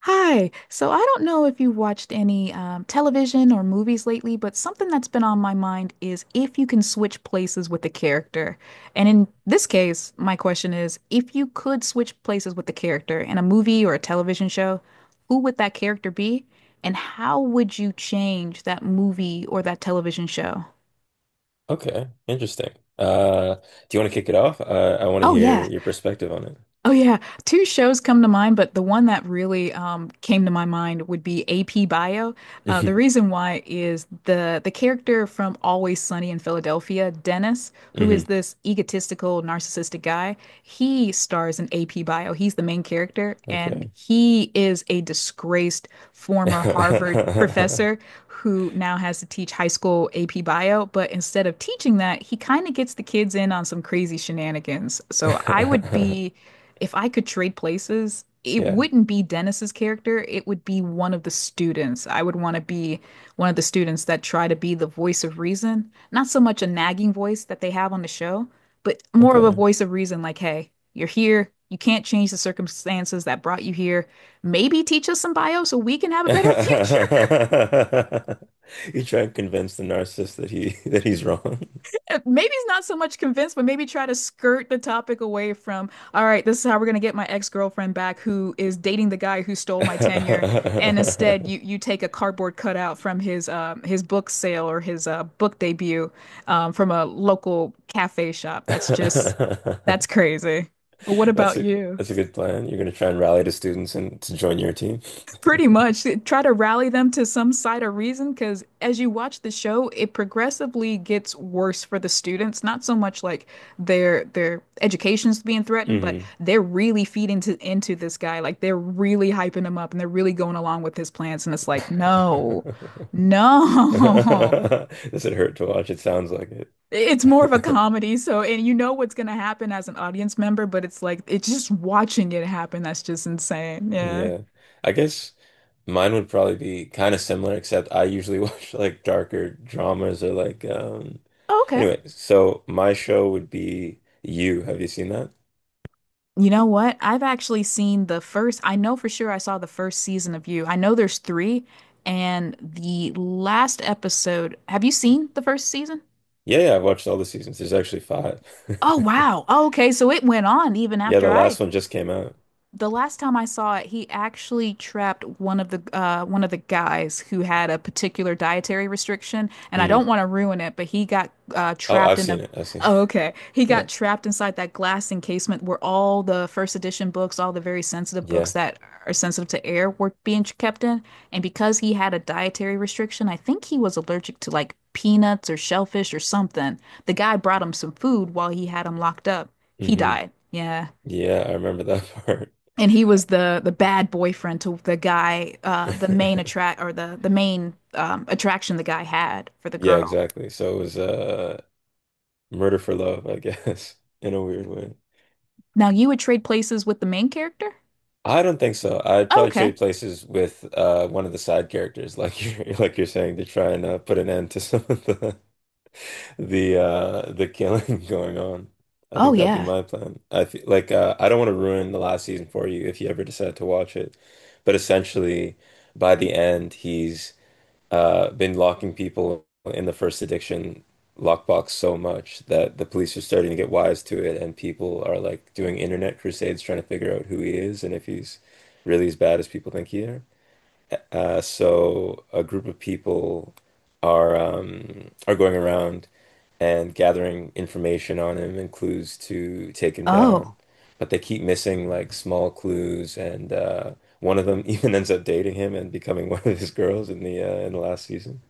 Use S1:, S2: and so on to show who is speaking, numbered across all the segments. S1: Hi. So, I don't know if you've watched any television or movies lately, but something that's been on my mind is if you can switch places with the character. And in this case, my question is, if you could switch places with the character in a movie or a television show, who would that character be? And how would you change that movie or that television show?
S2: Okay, interesting. Uh, do you want to kick it off? I want to
S1: Oh,
S2: hear
S1: yeah.
S2: your perspective on
S1: Oh yeah, two shows come to mind, but the one that really came to my mind would be AP Bio. The
S2: it.
S1: reason why is the character from Always Sunny in Philadelphia, Dennis, who is
S2: hmm
S1: this egotistical, narcissistic guy. He stars in AP Bio. He's the main character, and
S2: Okay.
S1: he is a disgraced former Harvard professor who now has to teach high school AP Bio. But instead of teaching that, he kind of gets the kids in on some crazy shenanigans. So I would be If I could trade places, it
S2: Yeah.
S1: wouldn't be Dennis's character. It would be one of the students. I would want to be one of the students that try to be the voice of reason. Not so much a nagging voice that they have on the show, but more of a
S2: Okay.
S1: voice of reason like, hey, you're here. You can't change the circumstances that brought you here. Maybe teach us some bio so we can have a better future.
S2: You try and convince the narcissist that he that he's wrong.
S1: Maybe he's not so much convinced, but maybe try to skirt the topic away from, all right, this is how we're gonna get my ex-girlfriend back who is dating the guy who stole my tenure. And instead you take a cardboard cutout from his book sale or his book debut from a local cafe shop. That's crazy. But what
S2: That's
S1: about
S2: a
S1: you?
S2: that's a good plan. You're gonna try and rally the students and to join your team.
S1: Pretty much try to rally them to some side of reason because as you watch the show, it progressively gets worse for the students. Not so much like their education's being threatened, but
S2: hmm
S1: they're really feeding into this guy. Like they're really hyping him up and they're really going along with his plans. And it's like, no,
S2: Does
S1: no.
S2: it hurt to watch? It sounds like
S1: It's more of a
S2: it.
S1: comedy, so and you know what's gonna happen as an audience member, but it's like it's just watching it happen that's just insane. Yeah.
S2: Yeah. I guess mine would probably be kind of similar, except I usually watch like darker dramas or
S1: Okay.
S2: anyway, so my show would be You. Have you seen that?
S1: You know what? I've actually seen the first, I know for sure I saw the first season of You. I know there's three, and the last episode. Have you seen the first season?
S2: Yeah, yeah, I've watched all the seasons. There's actually five.
S1: Oh, wow. Oh, okay. So it went on even
S2: Yeah,
S1: after
S2: the
S1: I,
S2: last one just came out.
S1: the last time I saw it, he actually trapped one of the guys who had a particular dietary restriction, and I don't
S2: Mm.
S1: want to ruin it, but he got
S2: Oh,
S1: trapped
S2: I've
S1: in a.
S2: seen it. I've seen
S1: Oh,
S2: it.
S1: okay. He
S2: Yeah.
S1: got trapped inside that glass encasement where all the first edition books, all the very sensitive books
S2: Yeah.
S1: that are sensitive to air were being kept in. And because he had a dietary restriction, I think he was allergic to like peanuts or shellfish or something. The guy brought him some food while he had him locked up. He
S2: hmm
S1: died. Yeah,
S2: Yeah, I remember that part.
S1: and he was the bad boyfriend to the guy, the main attract or the main attraction the guy had for the
S2: Yeah,
S1: girl.
S2: exactly. So it was murder for love, I guess, in a weird way.
S1: Now you would trade places with the main character?
S2: I don't think so. I'd probably
S1: Okay.
S2: trade places with one of the side characters, like you're like you're saying, to try and put an end to some of the the killing going on. I
S1: Oh
S2: think that'd be
S1: yeah.
S2: my plan. I feel like I don't want to ruin the last season for you if you ever decide to watch it, but essentially, by the end, he's been locking people in the first addiction lockbox so much that the police are starting to get wise to it, and people are like doing internet crusades trying to figure out who he is and if he's really as bad as people think he is. So a group of people are going around and gathering information on him and clues to take him
S1: Oh
S2: down. But they keep missing like small clues, and one of them even ends up dating him and becoming one of his girls in the last season.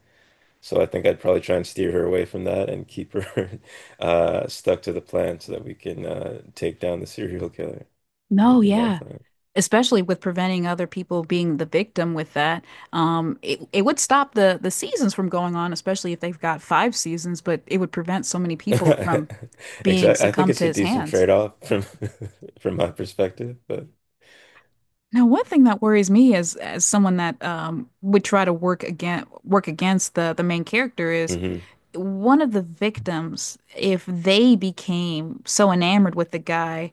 S2: So I think I'd probably try and steer her away from that and keep her stuck to the plan so that we can take down the serial killer.
S1: no,
S2: That'd be my
S1: yeah.
S2: plan.
S1: Especially with preventing other people being the victim with that, it would stop the seasons from going on, especially if they've got five seasons. But it would prevent so many people from being
S2: Exactly. I think
S1: succumbed
S2: it's
S1: to
S2: a
S1: his
S2: decent
S1: hands.
S2: trade-off from from my perspective, but
S1: Now, one thing that worries me is as someone that would try to work again work against the main character is
S2: hmm
S1: one of the victims, if they became so enamored with the guy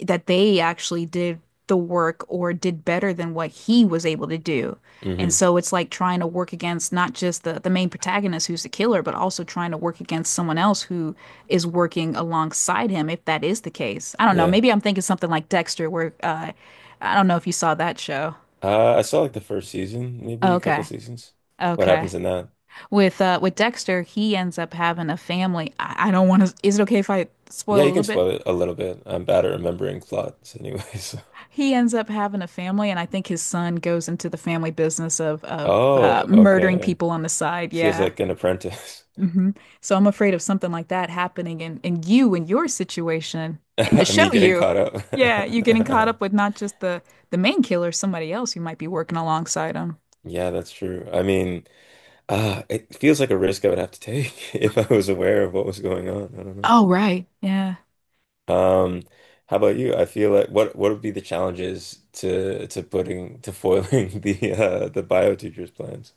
S1: that they actually did the work or did better than what he was able to do. And
S2: hmm
S1: so it's like trying to work against not just the main protagonist who's the killer, but also trying to work against someone else who is working alongside him, if that is the case. I don't know.
S2: yeah.
S1: Maybe I'm thinking something like Dexter, where I don't know if you saw that show.
S2: I saw like the first season,
S1: Oh,
S2: maybe a couple
S1: okay.
S2: seasons. What
S1: Okay.
S2: happens in that?
S1: With Dexter, he ends up having a family. I don't want to. Is it okay if I
S2: Yeah,
S1: spoil a
S2: you can
S1: little bit?
S2: spoil it a little bit. I'm bad at remembering plots anyways.
S1: He ends up having a family, and I think his son goes into the family business of
S2: Oh,
S1: murdering
S2: okay.
S1: people on the side.
S2: She has
S1: Yeah.
S2: like an apprentice.
S1: Hmm. So I'm afraid of something like that happening in your situation in the
S2: Me
S1: show
S2: getting
S1: you.
S2: caught
S1: Yeah, you getting caught up
S2: up.
S1: with not just the main killer, somebody else you might be working alongside him.
S2: Yeah, that's true. I mean, it feels like a risk I would have to take if I was aware of what was going on. I don't
S1: Oh, right. Yeah.
S2: know. Um, how about you? I feel like what would be the challenges to putting to foiling the bio teacher's plans?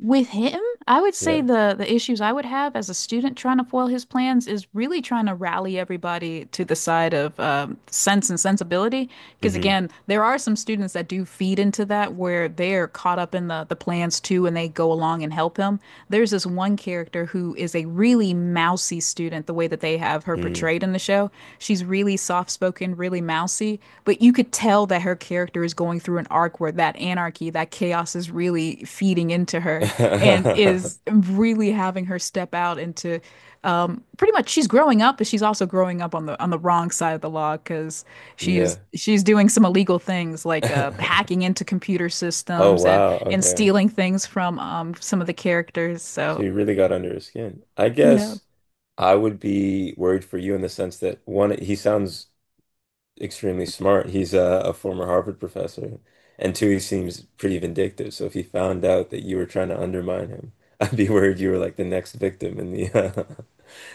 S1: With him, I would say
S2: Yeah.
S1: the issues I would have as a student trying to foil his plans is really trying to rally everybody to the side of sense and sensibility. Because
S2: hmm
S1: again, there are some students that do feed into that where they're caught up in the plans too, and they go along and help him. There's this one character who is a really mousy student, the way that they have her
S2: Mm.
S1: portrayed in the show. She's really soft spoken, really mousy, but you could tell that her character is going through an arc where that anarchy, that chaos is really feeding into her and is really having her step out into pretty much she's growing up, but she's also growing up on the wrong side of the law because
S2: Yeah.
S1: she's doing some illegal things like hacking into computer
S2: Oh
S1: systems
S2: wow,
S1: and
S2: okay.
S1: stealing things from some of the characters.
S2: So
S1: So
S2: you really got under his skin. I
S1: yeah.
S2: guess I would be worried for you in the sense that one, he sounds extremely smart. He's a former Harvard professor. And two, he seems pretty vindictive. So if he found out that you were trying to undermine him, I'd be worried you were like the next victim in the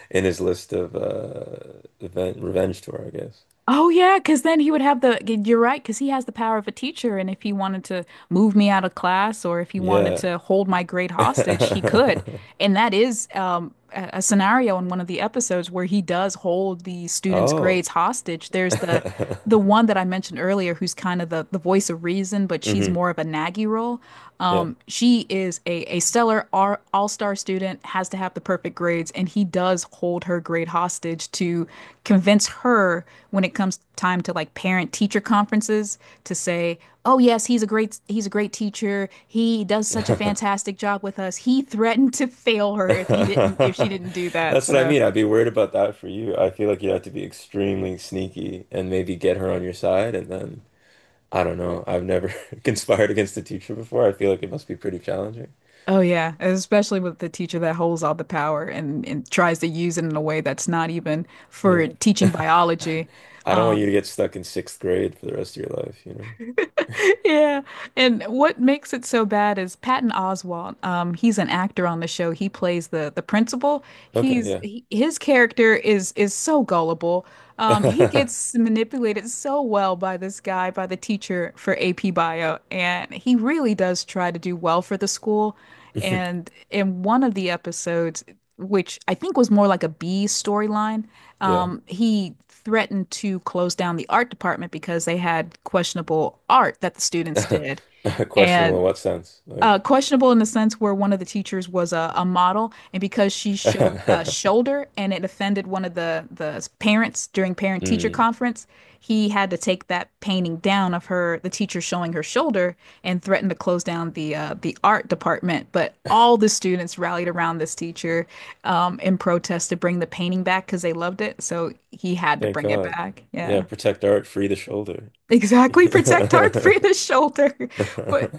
S2: in his list of event revenge tour, I guess.
S1: Oh yeah, because then he would have you're right, because he has the power of a teacher, and if he wanted to move me out of class or if he wanted
S2: Yeah.
S1: to hold my grade hostage, he could. And that is a scenario in one of the episodes where he does hold the students'
S2: Oh.
S1: grades hostage. There's the one that I mentioned earlier, who's kind of the voice of reason, but she's
S2: hmm
S1: more of a naggy role.
S2: Yeah.
S1: She is a stellar all star student, has to have the perfect grades, and he does hold her grade hostage to convince her when it comes time to like parent teacher conferences to say, oh yes, he's a great teacher, he does such a fantastic job with us. He threatened to fail her if she didn't do that,
S2: That's what I
S1: so.
S2: mean. I'd be worried about that for you. I feel like you'd have to be extremely sneaky and maybe get her on your side, and then I don't know. I've never conspired against a teacher before. I feel like it must be pretty challenging.
S1: Oh yeah, especially with the teacher that holds all the power and tries to use it in a way that's not even for
S2: Yeah.
S1: teaching biology.
S2: I don't want you to get stuck in sixth grade for the rest of your life, you know?
S1: Yeah. And what makes it so bad is Patton Oswalt. He's an actor on the show. He plays the principal.
S2: Okay,
S1: His character is so gullible. He
S2: yeah.
S1: gets manipulated so well by this guy, by the teacher for AP Bio, and he really does try to do well for the school. And in one of the episodes, which I think was more like a B storyline.
S2: Yeah.
S1: He threatened to close down the art department because they had questionable art that the students did.
S2: Questionable in
S1: And
S2: what sense? Like,
S1: questionable in the sense where one of the teachers was a model, and because she showed a shoulder and it offended one of the parents during parent teacher
S2: mm,
S1: conference, he had to take that painting down of her, the teacher showing her shoulder, and threatened to close down the art department. But all the students rallied around this teacher in protest to bring the painting back because they loved it. So he had to
S2: thank
S1: bring it
S2: God.
S1: back.
S2: Yeah,
S1: Yeah.
S2: protect art, free the shoulder.
S1: Exactly, protect art for the shoulder. But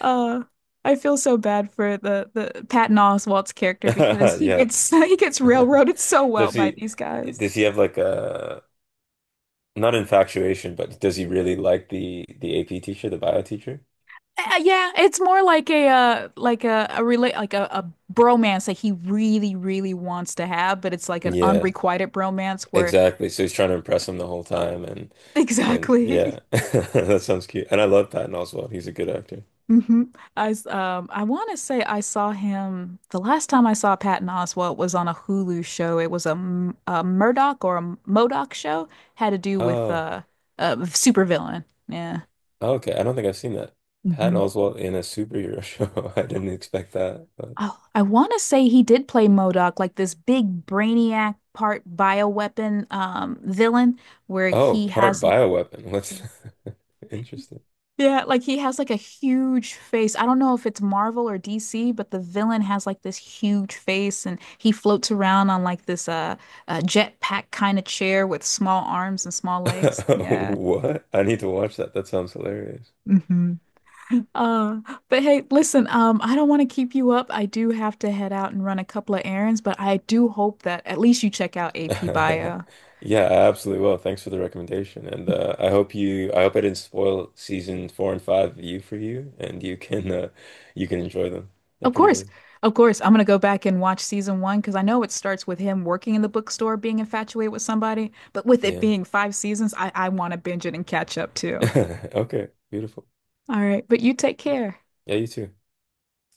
S1: uh, I feel so bad for the Patton Oswalt's character because he
S2: Yeah.
S1: gets he gets railroaded so well
S2: Does
S1: by
S2: he
S1: these guys.
S2: does he have like a not infatuation, but does he really like the AP teacher, the bio teacher?
S1: Yeah, it's more like a a a bromance that he really really wants to have, but it's like an
S2: Yeah,
S1: unrequited bromance where
S2: exactly. So he's trying to impress him the whole time, and
S1: exactly.
S2: yeah, that sounds cute. And I love Patton Oswalt. He's a good actor.
S1: Hmm. I want to say I saw him, the last time I saw Patton Oswalt was on a Hulu show. It was a Murdoch or a Modoc show had to do with
S2: Oh,
S1: a supervillain. Yeah.
S2: okay. I don't think I've seen that. Patton
S1: Hmm.
S2: Oswalt in a superhero show. I didn't expect that. But...
S1: Oh, I want to say he did play Modoc, like this big brainiac part bioweapon villain where
S2: Oh,
S1: he
S2: part
S1: has l-
S2: bioweapon. What's interesting.
S1: Yeah, like he has like a huge face. I don't know if it's Marvel or DC, but the villain has like this huge face and he floats around on like this jetpack kind of chair with small arms and small legs. Yeah.
S2: What? I need to watch that. That sounds hilarious.
S1: Hmm. Uh, but hey, listen, I don't want to keep you up. I do have to head out and run a couple of errands, but I do hope that at least you check out AP Bio.
S2: Yeah, I absolutely will. Thanks for the recommendation. And I hope I didn't spoil seasons 4 and 5 you for you and you can enjoy them. They're
S1: Of
S2: pretty
S1: course.
S2: good.
S1: Of course. I'm gonna go back and watch season one because I know it starts with him working in the bookstore, being infatuated with somebody, but with it
S2: Yeah.
S1: being five seasons, I want to binge it and catch up too.
S2: Okay, beautiful.
S1: All right, but you take care.
S2: Yeah, you too.